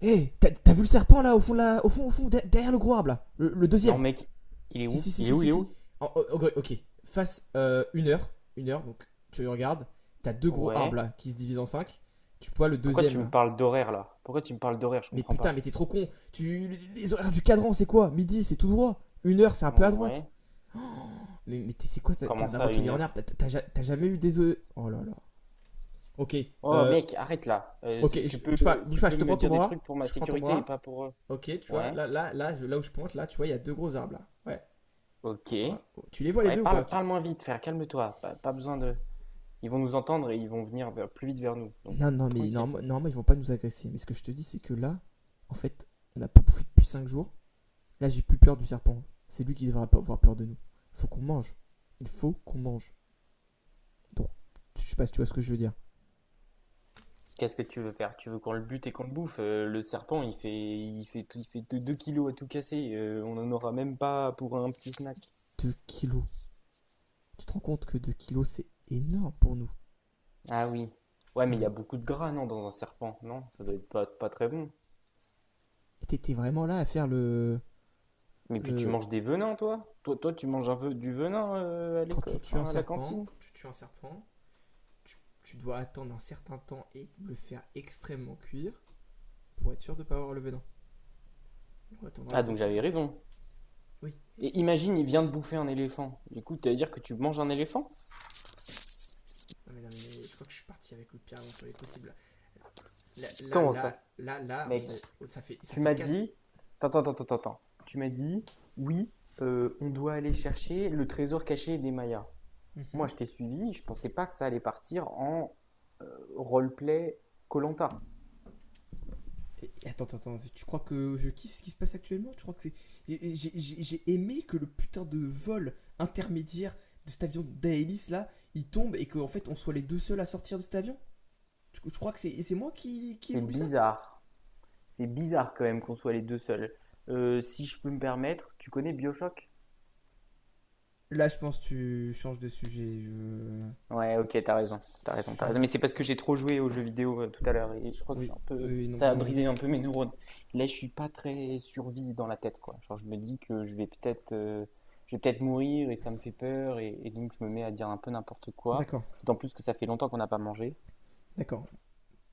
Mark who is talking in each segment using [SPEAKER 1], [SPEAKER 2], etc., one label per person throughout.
[SPEAKER 1] Hé, t'as vu le serpent là, au fond, derrière le gros arbre là? Le
[SPEAKER 2] Non,
[SPEAKER 1] deuxième?
[SPEAKER 2] mec, il est
[SPEAKER 1] Si, si,
[SPEAKER 2] où?
[SPEAKER 1] si,
[SPEAKER 2] Il est
[SPEAKER 1] si,
[SPEAKER 2] où?
[SPEAKER 1] si,
[SPEAKER 2] Il est
[SPEAKER 1] si.
[SPEAKER 2] où?
[SPEAKER 1] Ok, ok. Face une heure, donc tu regardes, t'as deux gros arbres
[SPEAKER 2] Ouais.
[SPEAKER 1] là qui se divisent en cinq. Tu vois le
[SPEAKER 2] Pourquoi
[SPEAKER 1] deuxième
[SPEAKER 2] tu me
[SPEAKER 1] là.
[SPEAKER 2] parles d'horaire là? Pourquoi tu me parles d'horaire? Je
[SPEAKER 1] Mais
[SPEAKER 2] comprends
[SPEAKER 1] putain,
[SPEAKER 2] pas.
[SPEAKER 1] mais t'es trop con. Tu, les horaires du cadran, c'est quoi? Midi, c'est tout droit. Une heure, c'est un peu à droite.
[SPEAKER 2] Ouais.
[SPEAKER 1] Mais t'es, c'est quoi? T'es
[SPEAKER 2] Comment
[SPEAKER 1] un
[SPEAKER 2] ça à une
[SPEAKER 1] aventurier en arbre.
[SPEAKER 2] heure?
[SPEAKER 1] T'as, t'as jamais eu des œufs. Oh là là. Ok,
[SPEAKER 2] Oh,
[SPEAKER 1] euh,
[SPEAKER 2] mec, arrête là. Euh,
[SPEAKER 1] ok,
[SPEAKER 2] tu tu peux,
[SPEAKER 1] bouge pas, bouge
[SPEAKER 2] tu
[SPEAKER 1] pas.
[SPEAKER 2] peux
[SPEAKER 1] Je te
[SPEAKER 2] me
[SPEAKER 1] prends ton
[SPEAKER 2] dire des trucs
[SPEAKER 1] bras.
[SPEAKER 2] pour ma
[SPEAKER 1] Je prends ton
[SPEAKER 2] sécurité et
[SPEAKER 1] bras.
[SPEAKER 2] pas pour eux.
[SPEAKER 1] Ok, tu vois,
[SPEAKER 2] Ouais.
[SPEAKER 1] là, là, là, là où je pointe, là, tu vois, il y a deux gros arbres là. Ouais.
[SPEAKER 2] Ok.
[SPEAKER 1] Ouais. Tu les vois les
[SPEAKER 2] Ouais,
[SPEAKER 1] deux ou pas?
[SPEAKER 2] parle, parle moins vite, frère. Calme-toi. Pas besoin de. Ils vont nous entendre et ils vont venir plus vite vers nous. Donc
[SPEAKER 1] Non, non, mais
[SPEAKER 2] tranquille.
[SPEAKER 1] normalement, normalement, ils vont pas nous agresser. Mais ce que je te dis, c'est que là, en fait, on n'a pas bouffé depuis 5 jours. Là, j'ai plus peur du serpent. C'est lui qui devrait pas avoir peur de nous. Il faut qu'on mange. Il faut qu'on mange. Donc, je sais pas si tu vois ce que je veux dire.
[SPEAKER 2] Qu'est-ce que tu veux faire? Tu veux qu'on le bute et qu'on le bouffe? Le serpent, il fait 2 kilos à tout casser. On en aura même pas pour un petit snack.
[SPEAKER 1] Deux kilos. Tu te rends compte que 2 kilos, c'est énorme pour nous.
[SPEAKER 2] Ah oui. Ouais, mais il y a
[SPEAKER 1] On...
[SPEAKER 2] beaucoup de gras, non, dans un serpent, non? Ça doit
[SPEAKER 1] Mais
[SPEAKER 2] être pas très bon.
[SPEAKER 1] t'étais vraiment là à faire le.
[SPEAKER 2] Mais puis tu
[SPEAKER 1] Le...
[SPEAKER 2] manges des venins, toi? Toi tu manges un du venin, à
[SPEAKER 1] Quand tu tues un
[SPEAKER 2] enfin, à la
[SPEAKER 1] serpent,
[SPEAKER 2] cantine.
[SPEAKER 1] quand tu tues un serpent, tu, tu dois attendre un certain temps et le faire extrêmement cuire pour être sûr de ne pas avoir le venin. On attendra
[SPEAKER 2] Ah,
[SPEAKER 1] le temps
[SPEAKER 2] donc
[SPEAKER 1] qu'il
[SPEAKER 2] j'avais
[SPEAKER 1] faut.
[SPEAKER 2] raison.
[SPEAKER 1] Oui, mais
[SPEAKER 2] Et
[SPEAKER 1] c'est.
[SPEAKER 2] imagine, il vient de bouffer un éléphant. Du coup, tu vas dire que tu manges un éléphant?
[SPEAKER 1] Non mais, non mais je crois que je suis parti avec le pire aventurier possible. Là, là,
[SPEAKER 2] Comment ça?
[SPEAKER 1] là, là, là,
[SPEAKER 2] Mec,
[SPEAKER 1] ça fait ça
[SPEAKER 2] tu
[SPEAKER 1] fait
[SPEAKER 2] m'as
[SPEAKER 1] 4.
[SPEAKER 2] dit... Attends, attends, attends, attends. Tu m'as dit, oui, on doit aller chercher le trésor caché des Mayas. Moi,
[SPEAKER 1] Et-
[SPEAKER 2] je t'ai suivi, je pensais pas que ça allait partir en roleplay koh.
[SPEAKER 1] Attends, attends, tu crois que je kiffe ce qui se passe actuellement? Tu crois que c'est. J'ai aimé que le putain de vol intermédiaire de cet avion d'Aelis là, il tombe et qu'en fait on soit les deux seuls à sortir de cet avion? Tu crois que c'est moi qui ai
[SPEAKER 2] C'est
[SPEAKER 1] voulu ça?
[SPEAKER 2] bizarre. C'est bizarre quand même qu'on soit les deux seuls. Si je peux me permettre, tu connais BioShock?
[SPEAKER 1] Là, je pense que tu changes de sujet.
[SPEAKER 2] Ouais, ok, t'as raison, t'as
[SPEAKER 1] Tu
[SPEAKER 2] raison, t'as raison.
[SPEAKER 1] changes.
[SPEAKER 2] Mais c'est parce que j'ai trop joué aux jeux vidéo, tout à l'heure et je crois que je suis
[SPEAKER 1] Oui,
[SPEAKER 2] un
[SPEAKER 1] oui,
[SPEAKER 2] peu,
[SPEAKER 1] oui, donc
[SPEAKER 2] ça a
[SPEAKER 1] non.
[SPEAKER 2] brisé un peu mes neurones. Là, je suis pas très survie dans la tête, quoi. Genre, je me dis que je vais peut-être mourir et ça me fait peur , et donc je me mets à dire un peu n'importe quoi.
[SPEAKER 1] D'accord,
[SPEAKER 2] D'autant plus que ça fait longtemps qu'on n'a pas mangé.
[SPEAKER 1] d'accord.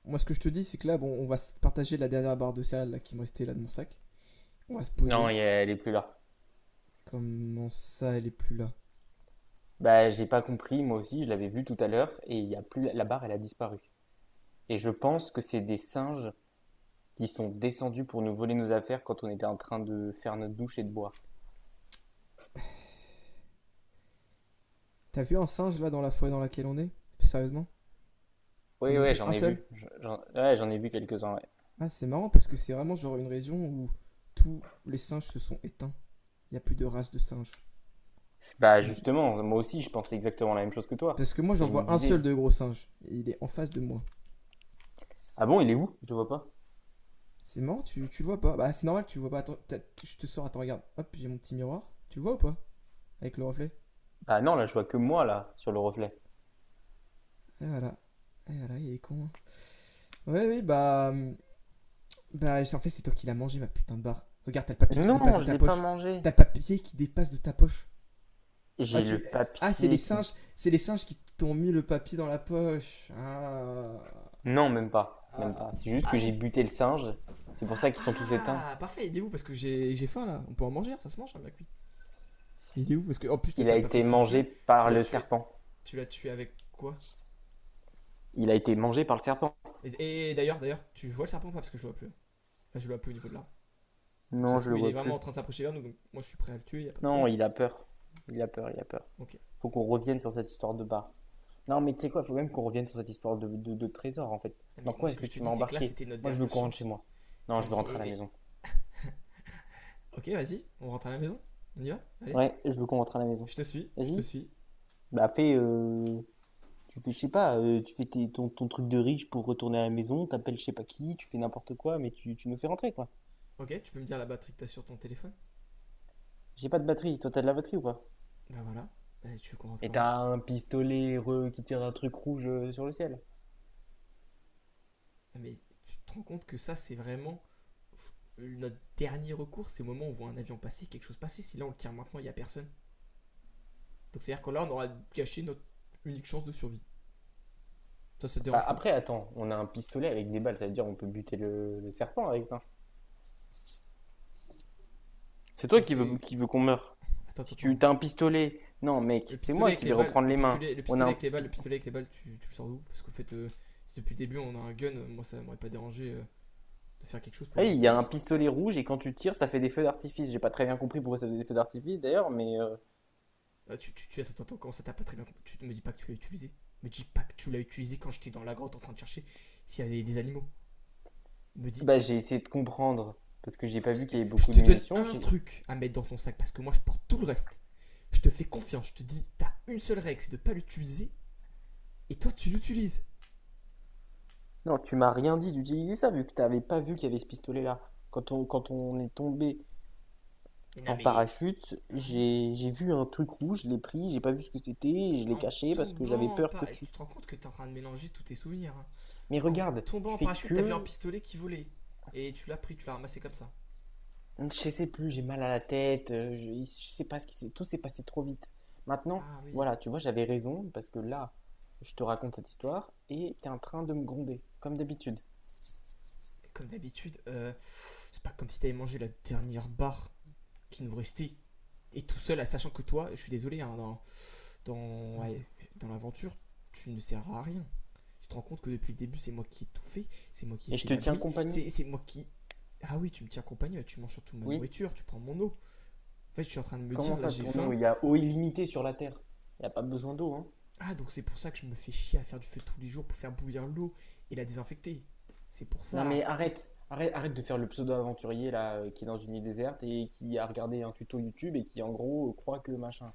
[SPEAKER 1] Moi, ce que je te dis, c'est que là, bon, on va partager la dernière barre de céréales là, qui me restait là de mon sac. On va se
[SPEAKER 2] Non,
[SPEAKER 1] poser.
[SPEAKER 2] elle est plus là.
[SPEAKER 1] Comment ça, elle est plus là?
[SPEAKER 2] Bah, j'ai pas compris, moi aussi, je l'avais vu tout à l'heure et il y a plus la barre, elle a disparu. Et je pense que c'est des singes qui sont descendus pour nous voler nos affaires quand on était en train de faire notre douche et de boire.
[SPEAKER 1] T'as vu un singe là dans la forêt dans laquelle on est? Sérieusement? T'en
[SPEAKER 2] Oui,
[SPEAKER 1] as
[SPEAKER 2] ouais,
[SPEAKER 1] vu
[SPEAKER 2] j'en
[SPEAKER 1] un
[SPEAKER 2] ai
[SPEAKER 1] seul?
[SPEAKER 2] vu. J'en ouais, j'en ai vu quelques-uns. Ouais.
[SPEAKER 1] Ah, c'est marrant parce que c'est vraiment genre une région où tous les singes se sont éteints. Il n'y a plus de race de singes.
[SPEAKER 2] Bah
[SPEAKER 1] C'est...
[SPEAKER 2] justement, moi aussi, je pensais exactement la même chose que toi.
[SPEAKER 1] Parce que moi,
[SPEAKER 2] Et
[SPEAKER 1] j'en
[SPEAKER 2] je me
[SPEAKER 1] vois un seul
[SPEAKER 2] disais,
[SPEAKER 1] de gros singe. Et il est en face de moi.
[SPEAKER 2] ah bon, il est où? Je le vois pas.
[SPEAKER 1] C'est marrant, tu le vois pas. Bah, c'est normal, tu le vois pas. Attends, je te sors, attends, regarde. Hop, j'ai mon petit miroir. Tu le vois ou pas? Avec le reflet.
[SPEAKER 2] Bah non, là, je vois que moi, là, sur le reflet.
[SPEAKER 1] Et voilà. Et voilà, il est con, hein. Ouais, oui, bah. Bah, en fait, c'est toi qui l'as mangé, ma putain de barre. Regarde, t'as le papier qui dépasse
[SPEAKER 2] Non,
[SPEAKER 1] de
[SPEAKER 2] je
[SPEAKER 1] ta
[SPEAKER 2] l'ai pas
[SPEAKER 1] poche.
[SPEAKER 2] mangé.
[SPEAKER 1] T'as le papier qui dépasse de ta poche. Ah,
[SPEAKER 2] J'ai
[SPEAKER 1] tu.
[SPEAKER 2] le
[SPEAKER 1] Ah, c'est les
[SPEAKER 2] papier qui...
[SPEAKER 1] singes. C'est les singes qui t'ont mis le papier dans la poche. Ah.
[SPEAKER 2] Non, même pas, même
[SPEAKER 1] Ah,
[SPEAKER 2] pas. C'est juste
[SPEAKER 1] ah,
[SPEAKER 2] que j'ai
[SPEAKER 1] non.
[SPEAKER 2] buté le singe. C'est pour ça qu'ils sont tous éteints.
[SPEAKER 1] Ah, parfait, il est où? Parce que j'ai faim là. On peut en manger, hein, ça se mange, un, hein, bien cuit. Il est où? Parce que, en plus,
[SPEAKER 2] Il a
[SPEAKER 1] t'as pas fait
[SPEAKER 2] été
[SPEAKER 1] de coup de
[SPEAKER 2] mangé
[SPEAKER 1] feu. Tu
[SPEAKER 2] par
[SPEAKER 1] l'as
[SPEAKER 2] le
[SPEAKER 1] tué.
[SPEAKER 2] serpent.
[SPEAKER 1] Tu l'as tué avec quoi?
[SPEAKER 2] Il a été mangé par le serpent.
[SPEAKER 1] Et d'ailleurs, d'ailleurs, tu vois le serpent ou pas? Parce que je le vois plus. Là, je le vois plus au niveau de l'arbre. Donc ça
[SPEAKER 2] Non,
[SPEAKER 1] se
[SPEAKER 2] je le
[SPEAKER 1] trouve, il est
[SPEAKER 2] vois
[SPEAKER 1] vraiment en
[SPEAKER 2] plus.
[SPEAKER 1] train de s'approcher vers nous. Donc moi, je suis prêt à le tuer, y a pas de
[SPEAKER 2] Non,
[SPEAKER 1] problème.
[SPEAKER 2] il a peur. Il a peur, il a peur.
[SPEAKER 1] Ok.
[SPEAKER 2] Faut qu'on revienne sur cette histoire de bar. Non, mais tu sais quoi, faut même qu'on revienne sur cette histoire de trésor en fait.
[SPEAKER 1] Non,
[SPEAKER 2] Dans
[SPEAKER 1] mais moi,
[SPEAKER 2] quoi
[SPEAKER 1] ce
[SPEAKER 2] est-ce
[SPEAKER 1] que
[SPEAKER 2] que
[SPEAKER 1] je te
[SPEAKER 2] tu m'as
[SPEAKER 1] dis, c'est que là,
[SPEAKER 2] embarqué?
[SPEAKER 1] c'était notre
[SPEAKER 2] Moi, je veux
[SPEAKER 1] dernière
[SPEAKER 2] qu'on rentre chez
[SPEAKER 1] chance.
[SPEAKER 2] moi. Non,
[SPEAKER 1] Non,
[SPEAKER 2] je
[SPEAKER 1] mais.
[SPEAKER 2] veux rentrer à la
[SPEAKER 1] Eh, eh.
[SPEAKER 2] maison.
[SPEAKER 1] Ok, vas-y, on rentre à la maison. On y va? Allez.
[SPEAKER 2] Ouais, je veux qu'on rentre à la maison.
[SPEAKER 1] Je te suis, je te
[SPEAKER 2] Vas-y.
[SPEAKER 1] suis.
[SPEAKER 2] Bah tu fais, je sais pas, tu fais ton truc de riche pour retourner à la maison, t'appelles je sais pas qui, tu fais n'importe quoi, mais tu nous fais rentrer quoi.
[SPEAKER 1] Ok, tu peux me dire la batterie que t'as sur ton téléphone?
[SPEAKER 2] J'ai pas de batterie, toi t'as de la batterie ou pas?
[SPEAKER 1] Bah voilà. Allez, tu veux qu'on rentre
[SPEAKER 2] Et
[SPEAKER 1] comment?
[SPEAKER 2] t'as un pistolet, qui tire un truc rouge, sur le ciel.
[SPEAKER 1] Non, mais tu te rends compte que ça, c'est vraiment. Notre dernier recours, c'est au moment où on voit un avion passer, quelque chose passer. Si là, on le tire maintenant, il y a personne. Donc c'est-à-dire que là, on aura gâché notre unique chance de survie. Ça te
[SPEAKER 2] Bah
[SPEAKER 1] dérange pas.
[SPEAKER 2] après, attends, on a un pistolet avec des balles, ça veut dire on peut buter le serpent avec ça. C'est toi qui veux qu'on meure.
[SPEAKER 1] Attends, attends,
[SPEAKER 2] Si tu
[SPEAKER 1] attends.
[SPEAKER 2] t'as un pistolet. Non, mec,
[SPEAKER 1] Le
[SPEAKER 2] c'est moi
[SPEAKER 1] pistolet
[SPEAKER 2] qui
[SPEAKER 1] avec
[SPEAKER 2] vais
[SPEAKER 1] les balles,
[SPEAKER 2] reprendre les mains.
[SPEAKER 1] le
[SPEAKER 2] On a
[SPEAKER 1] pistolet
[SPEAKER 2] un
[SPEAKER 1] avec les balles,
[SPEAKER 2] pi-.
[SPEAKER 1] le pistolet avec les balles, tu le sors d'où? Parce qu'en fait, si depuis le début on a un gun, moi ça m'aurait pas dérangé de faire quelque chose pour
[SPEAKER 2] Hey,
[SPEAKER 1] avoir
[SPEAKER 2] il y a
[SPEAKER 1] de.
[SPEAKER 2] un pistolet rouge et quand tu tires, ça fait des feux d'artifice. J'ai pas très bien compris pourquoi ça faisait des feux d'artifice d'ailleurs, mais
[SPEAKER 1] Ah, attends, attends, comment ça t'as pas très bien compris? Tu me dis pas que tu l'as utilisé. Me dis pas que tu l'as utilisé quand j'étais dans la grotte en train de chercher s'il y avait des animaux. Me dis.
[SPEAKER 2] bah, j'ai essayé de comprendre parce que j'ai pas vu qu'il y avait
[SPEAKER 1] Je
[SPEAKER 2] beaucoup de
[SPEAKER 1] te donne
[SPEAKER 2] munitions.
[SPEAKER 1] un
[SPEAKER 2] J'ai...
[SPEAKER 1] truc à mettre dans ton sac parce que moi je porte tout le reste. Je te fais confiance, je te dis, t'as une seule règle, c'est de pas l'utiliser et toi tu l'utilises.
[SPEAKER 2] Non, tu m'as rien dit d'utiliser ça vu que t'avais pas vu qu'il y avait ce pistolet-là. Quand on est tombé
[SPEAKER 1] Mais non,
[SPEAKER 2] en
[SPEAKER 1] mais.
[SPEAKER 2] parachute,
[SPEAKER 1] Ouais.
[SPEAKER 2] j'ai vu un truc rouge, je l'ai pris, j'ai pas vu ce que c'était, je l'ai
[SPEAKER 1] En
[SPEAKER 2] caché parce que j'avais
[SPEAKER 1] tombant en
[SPEAKER 2] peur que
[SPEAKER 1] parachute.
[SPEAKER 2] tu.
[SPEAKER 1] Tu te rends compte que t'es en train de mélanger tous tes souvenirs, hein.
[SPEAKER 2] Mais
[SPEAKER 1] En
[SPEAKER 2] regarde,
[SPEAKER 1] tombant
[SPEAKER 2] tu
[SPEAKER 1] en
[SPEAKER 2] fais
[SPEAKER 1] parachute, t'as vu un
[SPEAKER 2] que.
[SPEAKER 1] pistolet qui volait. Et tu l'as pris, tu l'as ramassé comme ça.
[SPEAKER 2] Je sais plus, j'ai mal à la tête, je sais pas ce qui s'est, tout s'est passé trop vite. Maintenant,
[SPEAKER 1] Ah oui.
[SPEAKER 2] voilà, tu vois, j'avais raison parce que là, je te raconte cette histoire et t'es en train de me gronder, comme d'habitude.
[SPEAKER 1] Et comme d'habitude, c'est pas comme si t'avais mangé la dernière barre qui nous restait. Et tout seul, à sachant que toi, je suis désolé, hein, dans, dans, ouais, dans l'aventure, tu ne sers à rien. Tu te rends compte que depuis le début, c'est moi qui ai tout fait, c'est moi qui ai
[SPEAKER 2] Et je
[SPEAKER 1] fait
[SPEAKER 2] te tiens
[SPEAKER 1] l'abri,
[SPEAKER 2] compagnie.
[SPEAKER 1] c'est moi qui. Ah oui, tu me tiens compagnie, ouais, tu manges surtout ma
[SPEAKER 2] Oui,
[SPEAKER 1] nourriture, tu prends mon eau. En fait, je suis en train de me
[SPEAKER 2] comment
[SPEAKER 1] dire, là
[SPEAKER 2] ça,
[SPEAKER 1] j'ai
[SPEAKER 2] ton eau?
[SPEAKER 1] faim.
[SPEAKER 2] Il y a eau illimitée sur la Terre. Il n'y a pas besoin d'eau, hein.
[SPEAKER 1] Ah, donc c'est pour ça que je me fais chier à faire du feu tous les jours pour faire bouillir l'eau et la désinfecter. C'est pour
[SPEAKER 2] Non
[SPEAKER 1] ça.
[SPEAKER 2] mais arrête, arrête, arrête de faire le pseudo-aventurier là, qui est dans une île déserte et qui a regardé un tuto YouTube et qui en gros, croit que machin.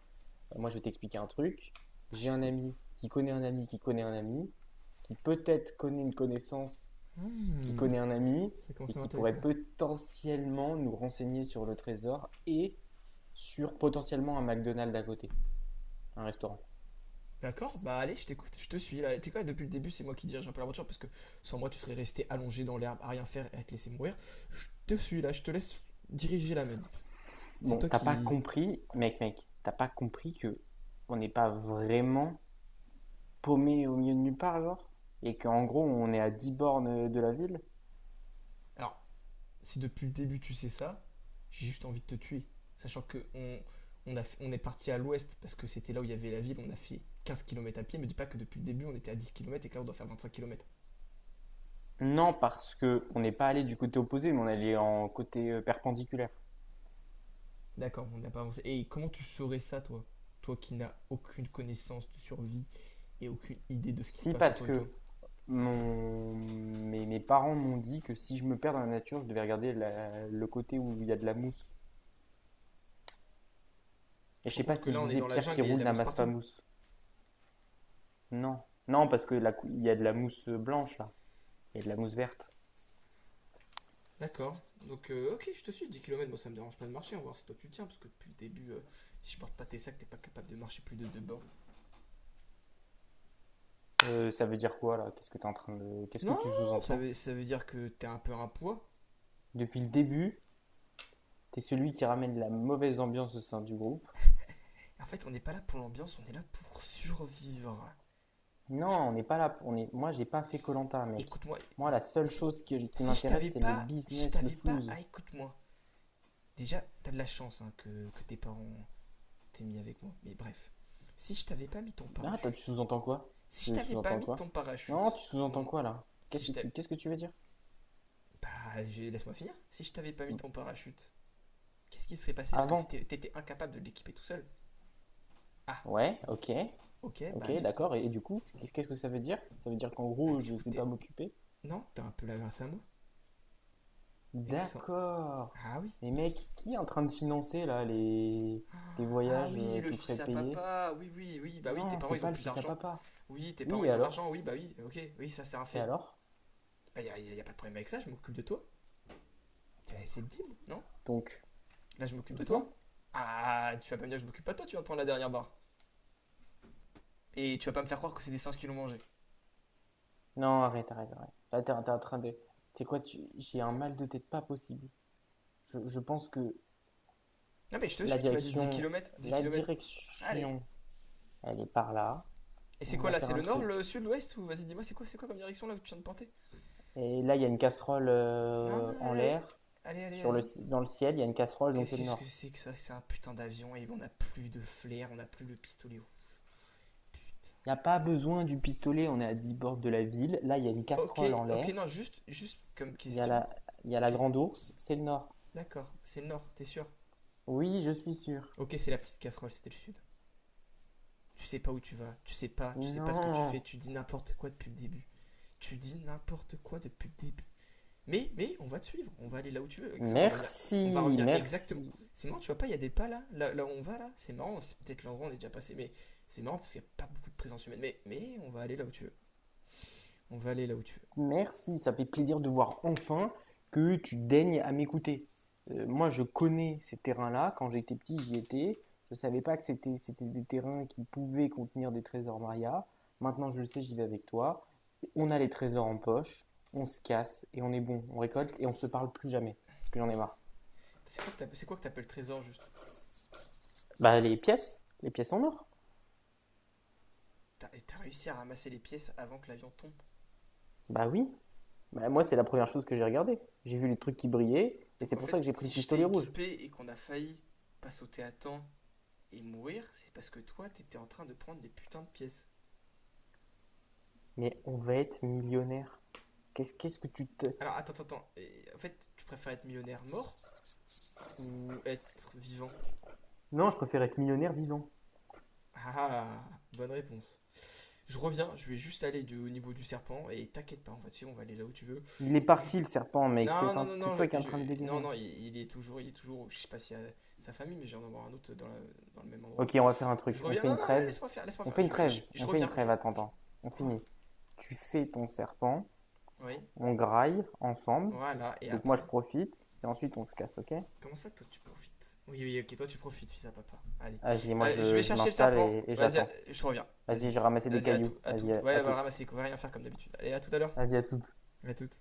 [SPEAKER 2] Moi, je vais t'expliquer un truc.
[SPEAKER 1] Ah,
[SPEAKER 2] J'ai
[SPEAKER 1] je
[SPEAKER 2] un
[SPEAKER 1] t'écoute.
[SPEAKER 2] ami qui connaît un ami qui connaît un ami qui peut-être connaît une connaissance, qui
[SPEAKER 1] Hmm,
[SPEAKER 2] connaît un ami,
[SPEAKER 1] ça
[SPEAKER 2] et
[SPEAKER 1] commence à
[SPEAKER 2] qui pourrait
[SPEAKER 1] m'intéresser là.
[SPEAKER 2] potentiellement nous renseigner sur le trésor et sur potentiellement un McDonald's à côté, un restaurant.
[SPEAKER 1] D'accord, bah allez, je t'écoute, je te suis là. T'es quoi, depuis le début, c'est moi qui dirige un peu l'aventure parce que sans moi, tu serais resté allongé dans l'herbe à rien faire et à te laisser mourir. Je te suis là, je te laisse diriger la manip. C'est
[SPEAKER 2] Bon,
[SPEAKER 1] toi
[SPEAKER 2] t'as pas
[SPEAKER 1] qui.
[SPEAKER 2] compris, mec, t'as pas compris que on n'est pas vraiment paumé au milieu de nulle part, genre. Et qu'en gros, on est à 10 bornes de la ville.
[SPEAKER 1] Alors, si depuis le début tu sais ça, j'ai juste envie de te tuer. Sachant que on, a on est parti à l'ouest parce que c'était là où il y avait la ville, on a fait 15 kilomètres à pied. Me dis pas que depuis le début on était à 10 kilomètres et que là on doit faire 25 kilomètres.
[SPEAKER 2] Non, parce que on n'est pas allé du côté opposé, mais on est allé en côté, perpendiculaire.
[SPEAKER 1] D'accord, on n'a pas avancé. Et comment tu saurais ça, toi? Toi qui n'as aucune connaissance de survie et aucune idée de ce qui se
[SPEAKER 2] Si,
[SPEAKER 1] passe
[SPEAKER 2] parce
[SPEAKER 1] autour de toi.
[SPEAKER 2] que mes parents m'ont dit que si je me perds dans la nature, je devais regarder le côté où il y a de la mousse.
[SPEAKER 1] Tu
[SPEAKER 2] Et
[SPEAKER 1] te
[SPEAKER 2] je
[SPEAKER 1] rends
[SPEAKER 2] sais pas
[SPEAKER 1] compte que
[SPEAKER 2] s'ils me
[SPEAKER 1] là, on est
[SPEAKER 2] disaient
[SPEAKER 1] dans la
[SPEAKER 2] pierre qui
[SPEAKER 1] jungle et il y a de
[SPEAKER 2] roule
[SPEAKER 1] la mousse
[SPEAKER 2] n'amasse pas
[SPEAKER 1] partout.
[SPEAKER 2] mousse. Non, non, parce que il y a de la mousse blanche là, il y a de la mousse verte.
[SPEAKER 1] D'accord. Donc, ok, je te suis, 10 kilomètres. Moi ça me dérange pas de marcher. On va voir si toi tu tiens, parce que depuis le début, si je porte pas tes sacs, t'es pas capable de marcher plus de deux bornes.
[SPEAKER 2] Ça veut dire quoi là? Qu'est-ce que t'es en train de... Qu'est-ce que
[SPEAKER 1] Non,
[SPEAKER 2] tu sous-entends?
[SPEAKER 1] ça veut dire que t'es un peu un poids.
[SPEAKER 2] Depuis le début, t'es celui qui ramène la mauvaise ambiance au sein du groupe.
[SPEAKER 1] En fait, on n'est pas là pour l'ambiance, on est là pour survivre.
[SPEAKER 2] Non, on n'est pas là. On est... Moi, j'ai pas fait koh, mec.
[SPEAKER 1] Écoute-moi,
[SPEAKER 2] Moi, la seule chose qui
[SPEAKER 1] si je
[SPEAKER 2] m'intéresse,
[SPEAKER 1] t'avais
[SPEAKER 2] c'est le
[SPEAKER 1] pas, je
[SPEAKER 2] business, le
[SPEAKER 1] t'avais pas,
[SPEAKER 2] flouze.
[SPEAKER 1] ah écoute-moi. Déjà, t'as de la chance hein, que tes parents t'aient mis avec moi, mais bref. Si je t'avais pas mis ton
[SPEAKER 2] Ah, tu
[SPEAKER 1] parachute,
[SPEAKER 2] sous-entends quoi?
[SPEAKER 1] si je
[SPEAKER 2] Tu
[SPEAKER 1] t'avais pas
[SPEAKER 2] sous-entends
[SPEAKER 1] mis ton
[SPEAKER 2] quoi? Non, tu
[SPEAKER 1] parachute,
[SPEAKER 2] sous-entends quoi là? Qu'est-ce
[SPEAKER 1] si
[SPEAKER 2] que
[SPEAKER 1] je
[SPEAKER 2] tu,
[SPEAKER 1] t'avais.
[SPEAKER 2] qu'est-ce que tu veux dire?
[SPEAKER 1] Bah, laisse-moi finir. Si je t'avais pas mis ton parachute, qu'est-ce qui serait passé? Parce que
[SPEAKER 2] Avant.
[SPEAKER 1] t'étais, t'étais incapable de l'équiper tout seul. Ah,
[SPEAKER 2] Ouais, ok,
[SPEAKER 1] ok,
[SPEAKER 2] ok, d'accord. Et du coup, qu'est-ce que ça veut dire? Ça veut dire qu'en
[SPEAKER 1] bah,
[SPEAKER 2] gros,
[SPEAKER 1] du
[SPEAKER 2] je
[SPEAKER 1] coup,
[SPEAKER 2] sais pas
[SPEAKER 1] t'es.
[SPEAKER 2] m'occuper.
[SPEAKER 1] Non, t'as un peu la grâce à moi. Excellent.
[SPEAKER 2] D'accord.
[SPEAKER 1] Ah oui.
[SPEAKER 2] Mais mec, qui est en train de financer là les tes
[SPEAKER 1] Ah
[SPEAKER 2] voyages
[SPEAKER 1] oui,
[SPEAKER 2] euh,
[SPEAKER 1] le
[SPEAKER 2] tout frais
[SPEAKER 1] fils à
[SPEAKER 2] payés?
[SPEAKER 1] papa. Oui, oui, oui. Bah oui, tes
[SPEAKER 2] Non,
[SPEAKER 1] parents,
[SPEAKER 2] c'est
[SPEAKER 1] ils ont
[SPEAKER 2] pas le
[SPEAKER 1] plus
[SPEAKER 2] fils à
[SPEAKER 1] d'argent.
[SPEAKER 2] papa.
[SPEAKER 1] Oui, tes parents,
[SPEAKER 2] Oui, et
[SPEAKER 1] ils ont de
[SPEAKER 2] alors?
[SPEAKER 1] l'argent. Oui, bah oui. Ok, oui, ça, c'est un
[SPEAKER 2] Et
[SPEAKER 1] fait.
[SPEAKER 2] alors?
[SPEAKER 1] Bah, pas de problème avec ça. Je m'occupe de toi. C'est le deal, non?
[SPEAKER 2] Donc,
[SPEAKER 1] Là, je m'occupe de
[SPEAKER 2] donc
[SPEAKER 1] toi.
[SPEAKER 2] non?
[SPEAKER 1] Ah, tu vas pas me dire que je m'occupe pas de toi. Tu vas me prendre la dernière barre. Et tu vas pas me faire croire que c'est des singes qui l'ont mangé.
[SPEAKER 2] Non, arrête, arrête, arrête. Là, t'es en train de. C'est quoi, tu... j'ai un mal de tête pas possible. Je pense que.
[SPEAKER 1] Non, mais je te
[SPEAKER 2] La
[SPEAKER 1] suis. Tu m'as dit 10
[SPEAKER 2] direction,
[SPEAKER 1] kilomètres, 10
[SPEAKER 2] la
[SPEAKER 1] kilomètres. Allez.
[SPEAKER 2] direction, elle est par là.
[SPEAKER 1] Et c'est
[SPEAKER 2] On
[SPEAKER 1] quoi
[SPEAKER 2] va
[SPEAKER 1] là?
[SPEAKER 2] faire
[SPEAKER 1] C'est
[SPEAKER 2] un
[SPEAKER 1] le nord,
[SPEAKER 2] truc.
[SPEAKER 1] le sud, l'ouest? Ou vas-y, dis-moi, c'est quoi comme direction là où tu viens de porter?
[SPEAKER 2] Et là, il y a une casserole
[SPEAKER 1] Non,
[SPEAKER 2] euh,
[SPEAKER 1] non,
[SPEAKER 2] en
[SPEAKER 1] allez.
[SPEAKER 2] l'air.
[SPEAKER 1] Allez, allez,
[SPEAKER 2] Sur le,
[SPEAKER 1] vas-y.
[SPEAKER 2] dans le ciel, il y a une casserole, donc c'est le
[SPEAKER 1] Qu'est-ce que
[SPEAKER 2] nord.
[SPEAKER 1] c'est que ça? C'est un putain d'avion et on n'a plus de flair, on n'a plus le pistolet. Oh, putain.
[SPEAKER 2] Il n'y a pas besoin du pistolet, on est à 10 bords de la ville. Là, il y a une
[SPEAKER 1] Ok,
[SPEAKER 2] casserole en
[SPEAKER 1] ok,
[SPEAKER 2] l'air.
[SPEAKER 1] non, juste, juste comme
[SPEAKER 2] Il y a
[SPEAKER 1] question.
[SPEAKER 2] la, il y a la
[SPEAKER 1] Ok,
[SPEAKER 2] grande ours, c'est le nord.
[SPEAKER 1] d'accord, c'est le nord, t'es sûr?
[SPEAKER 2] Oui, je suis sûr.
[SPEAKER 1] Ok, c'est la petite casserole, c'était le sud. Tu sais pas où tu vas, tu sais pas ce que tu
[SPEAKER 2] Non.
[SPEAKER 1] fais, tu dis n'importe quoi depuis le début. Tu dis n'importe quoi depuis le début. Mais, on va te suivre, on va aller là où tu veux. Avec ça, on va
[SPEAKER 2] Merci,
[SPEAKER 1] revenir exactement.
[SPEAKER 2] merci.
[SPEAKER 1] C'est marrant, tu vois pas, il y a des pas là, là, là où on va là. C'est marrant, c'est peut-être l'endroit où on est déjà passé, mais c'est marrant parce qu'il y a pas beaucoup de présence humaine. Mais, on va aller là où tu veux. On veut aller là où tu veux.
[SPEAKER 2] Merci, ça fait plaisir de voir enfin que tu daignes à m'écouter. Moi, je connais ces terrains-là. Quand j'étais petit, j'y étais. Je ne savais pas que c'était des terrains qui pouvaient contenir des trésors Maria. Maintenant, je le sais, j'y vais avec toi. On a les trésors en poche, on se casse et on est bon. On récolte
[SPEAKER 1] C'est
[SPEAKER 2] et on ne se parle plus jamais. Parce que j'en ai marre.
[SPEAKER 1] quoi que c'est trésor juste?
[SPEAKER 2] Bah, les pièces en or.
[SPEAKER 1] T'as réussi à ramasser les pièces avant que l'avion tombe.
[SPEAKER 2] Bah oui. Bah, moi, c'est la première chose que j'ai regardée. J'ai vu les trucs qui brillaient et
[SPEAKER 1] Donc
[SPEAKER 2] c'est
[SPEAKER 1] en
[SPEAKER 2] pour ça
[SPEAKER 1] fait,
[SPEAKER 2] que j'ai pris le
[SPEAKER 1] si je t'ai
[SPEAKER 2] pistolet rouge.
[SPEAKER 1] équipé et qu'on a failli pas sauter à temps et mourir, c'est parce que toi, t'étais en train de prendre les putains de pièces.
[SPEAKER 2] Mais on va être millionnaire. Qu'est-ce que tu te-.
[SPEAKER 1] Alors attends, attends, attends. Et, en fait, tu préfères être millionnaire mort ou être vivant?
[SPEAKER 2] Non, je préfère être millionnaire vivant.
[SPEAKER 1] Ah, bonne réponse. Je reviens, je vais juste aller au niveau du serpent et t'inquiète pas, en fait, si on va aller là où tu veux.
[SPEAKER 2] Il est parti
[SPEAKER 1] Ju-
[SPEAKER 2] le serpent, mec.
[SPEAKER 1] Non,
[SPEAKER 2] T'es
[SPEAKER 1] non, non,
[SPEAKER 2] c'est
[SPEAKER 1] non,
[SPEAKER 2] toi qui es en train de délirer.
[SPEAKER 1] non, non, il est toujours, je sais pas si à sa famille, mais je viens d'en voir un autre dans, dans le même
[SPEAKER 2] Ok,
[SPEAKER 1] endroit.
[SPEAKER 2] on va faire un truc.
[SPEAKER 1] Je
[SPEAKER 2] On
[SPEAKER 1] reviens,
[SPEAKER 2] fait
[SPEAKER 1] non,
[SPEAKER 2] une
[SPEAKER 1] non,
[SPEAKER 2] trêve.
[SPEAKER 1] laisse-moi
[SPEAKER 2] On
[SPEAKER 1] faire,
[SPEAKER 2] fait une trêve.
[SPEAKER 1] je
[SPEAKER 2] On fait une
[SPEAKER 1] reviens,
[SPEAKER 2] trêve, attends,
[SPEAKER 1] je-
[SPEAKER 2] attends. On
[SPEAKER 1] Quoi?
[SPEAKER 2] finit. Tu fais ton serpent.
[SPEAKER 1] Oui,
[SPEAKER 2] On graille ensemble.
[SPEAKER 1] voilà, et
[SPEAKER 2] Donc moi, je
[SPEAKER 1] après?
[SPEAKER 2] profite. Et ensuite, on se casse, ok?
[SPEAKER 1] Comment ça, toi, tu profites? Oui, oui, ok, toi, tu profites, fils à papa. Allez,
[SPEAKER 2] Vas-y, moi,
[SPEAKER 1] euh, je
[SPEAKER 2] je,
[SPEAKER 1] vais
[SPEAKER 2] je
[SPEAKER 1] chercher le
[SPEAKER 2] m'installe
[SPEAKER 1] serpent,
[SPEAKER 2] , et
[SPEAKER 1] vas-y,
[SPEAKER 2] j'attends.
[SPEAKER 1] je reviens,
[SPEAKER 2] Vas-y,
[SPEAKER 1] vas-y,
[SPEAKER 2] j'ai ramassé des
[SPEAKER 1] vas-y, à
[SPEAKER 2] cailloux.
[SPEAKER 1] tout, à
[SPEAKER 2] Vas-y,
[SPEAKER 1] toutes,
[SPEAKER 2] à
[SPEAKER 1] ouais, va
[SPEAKER 2] tout.
[SPEAKER 1] ramasser, on va rien faire comme d'habitude. Allez, à tout à l'heure,
[SPEAKER 2] Vas-y, à toutes.
[SPEAKER 1] à toutes.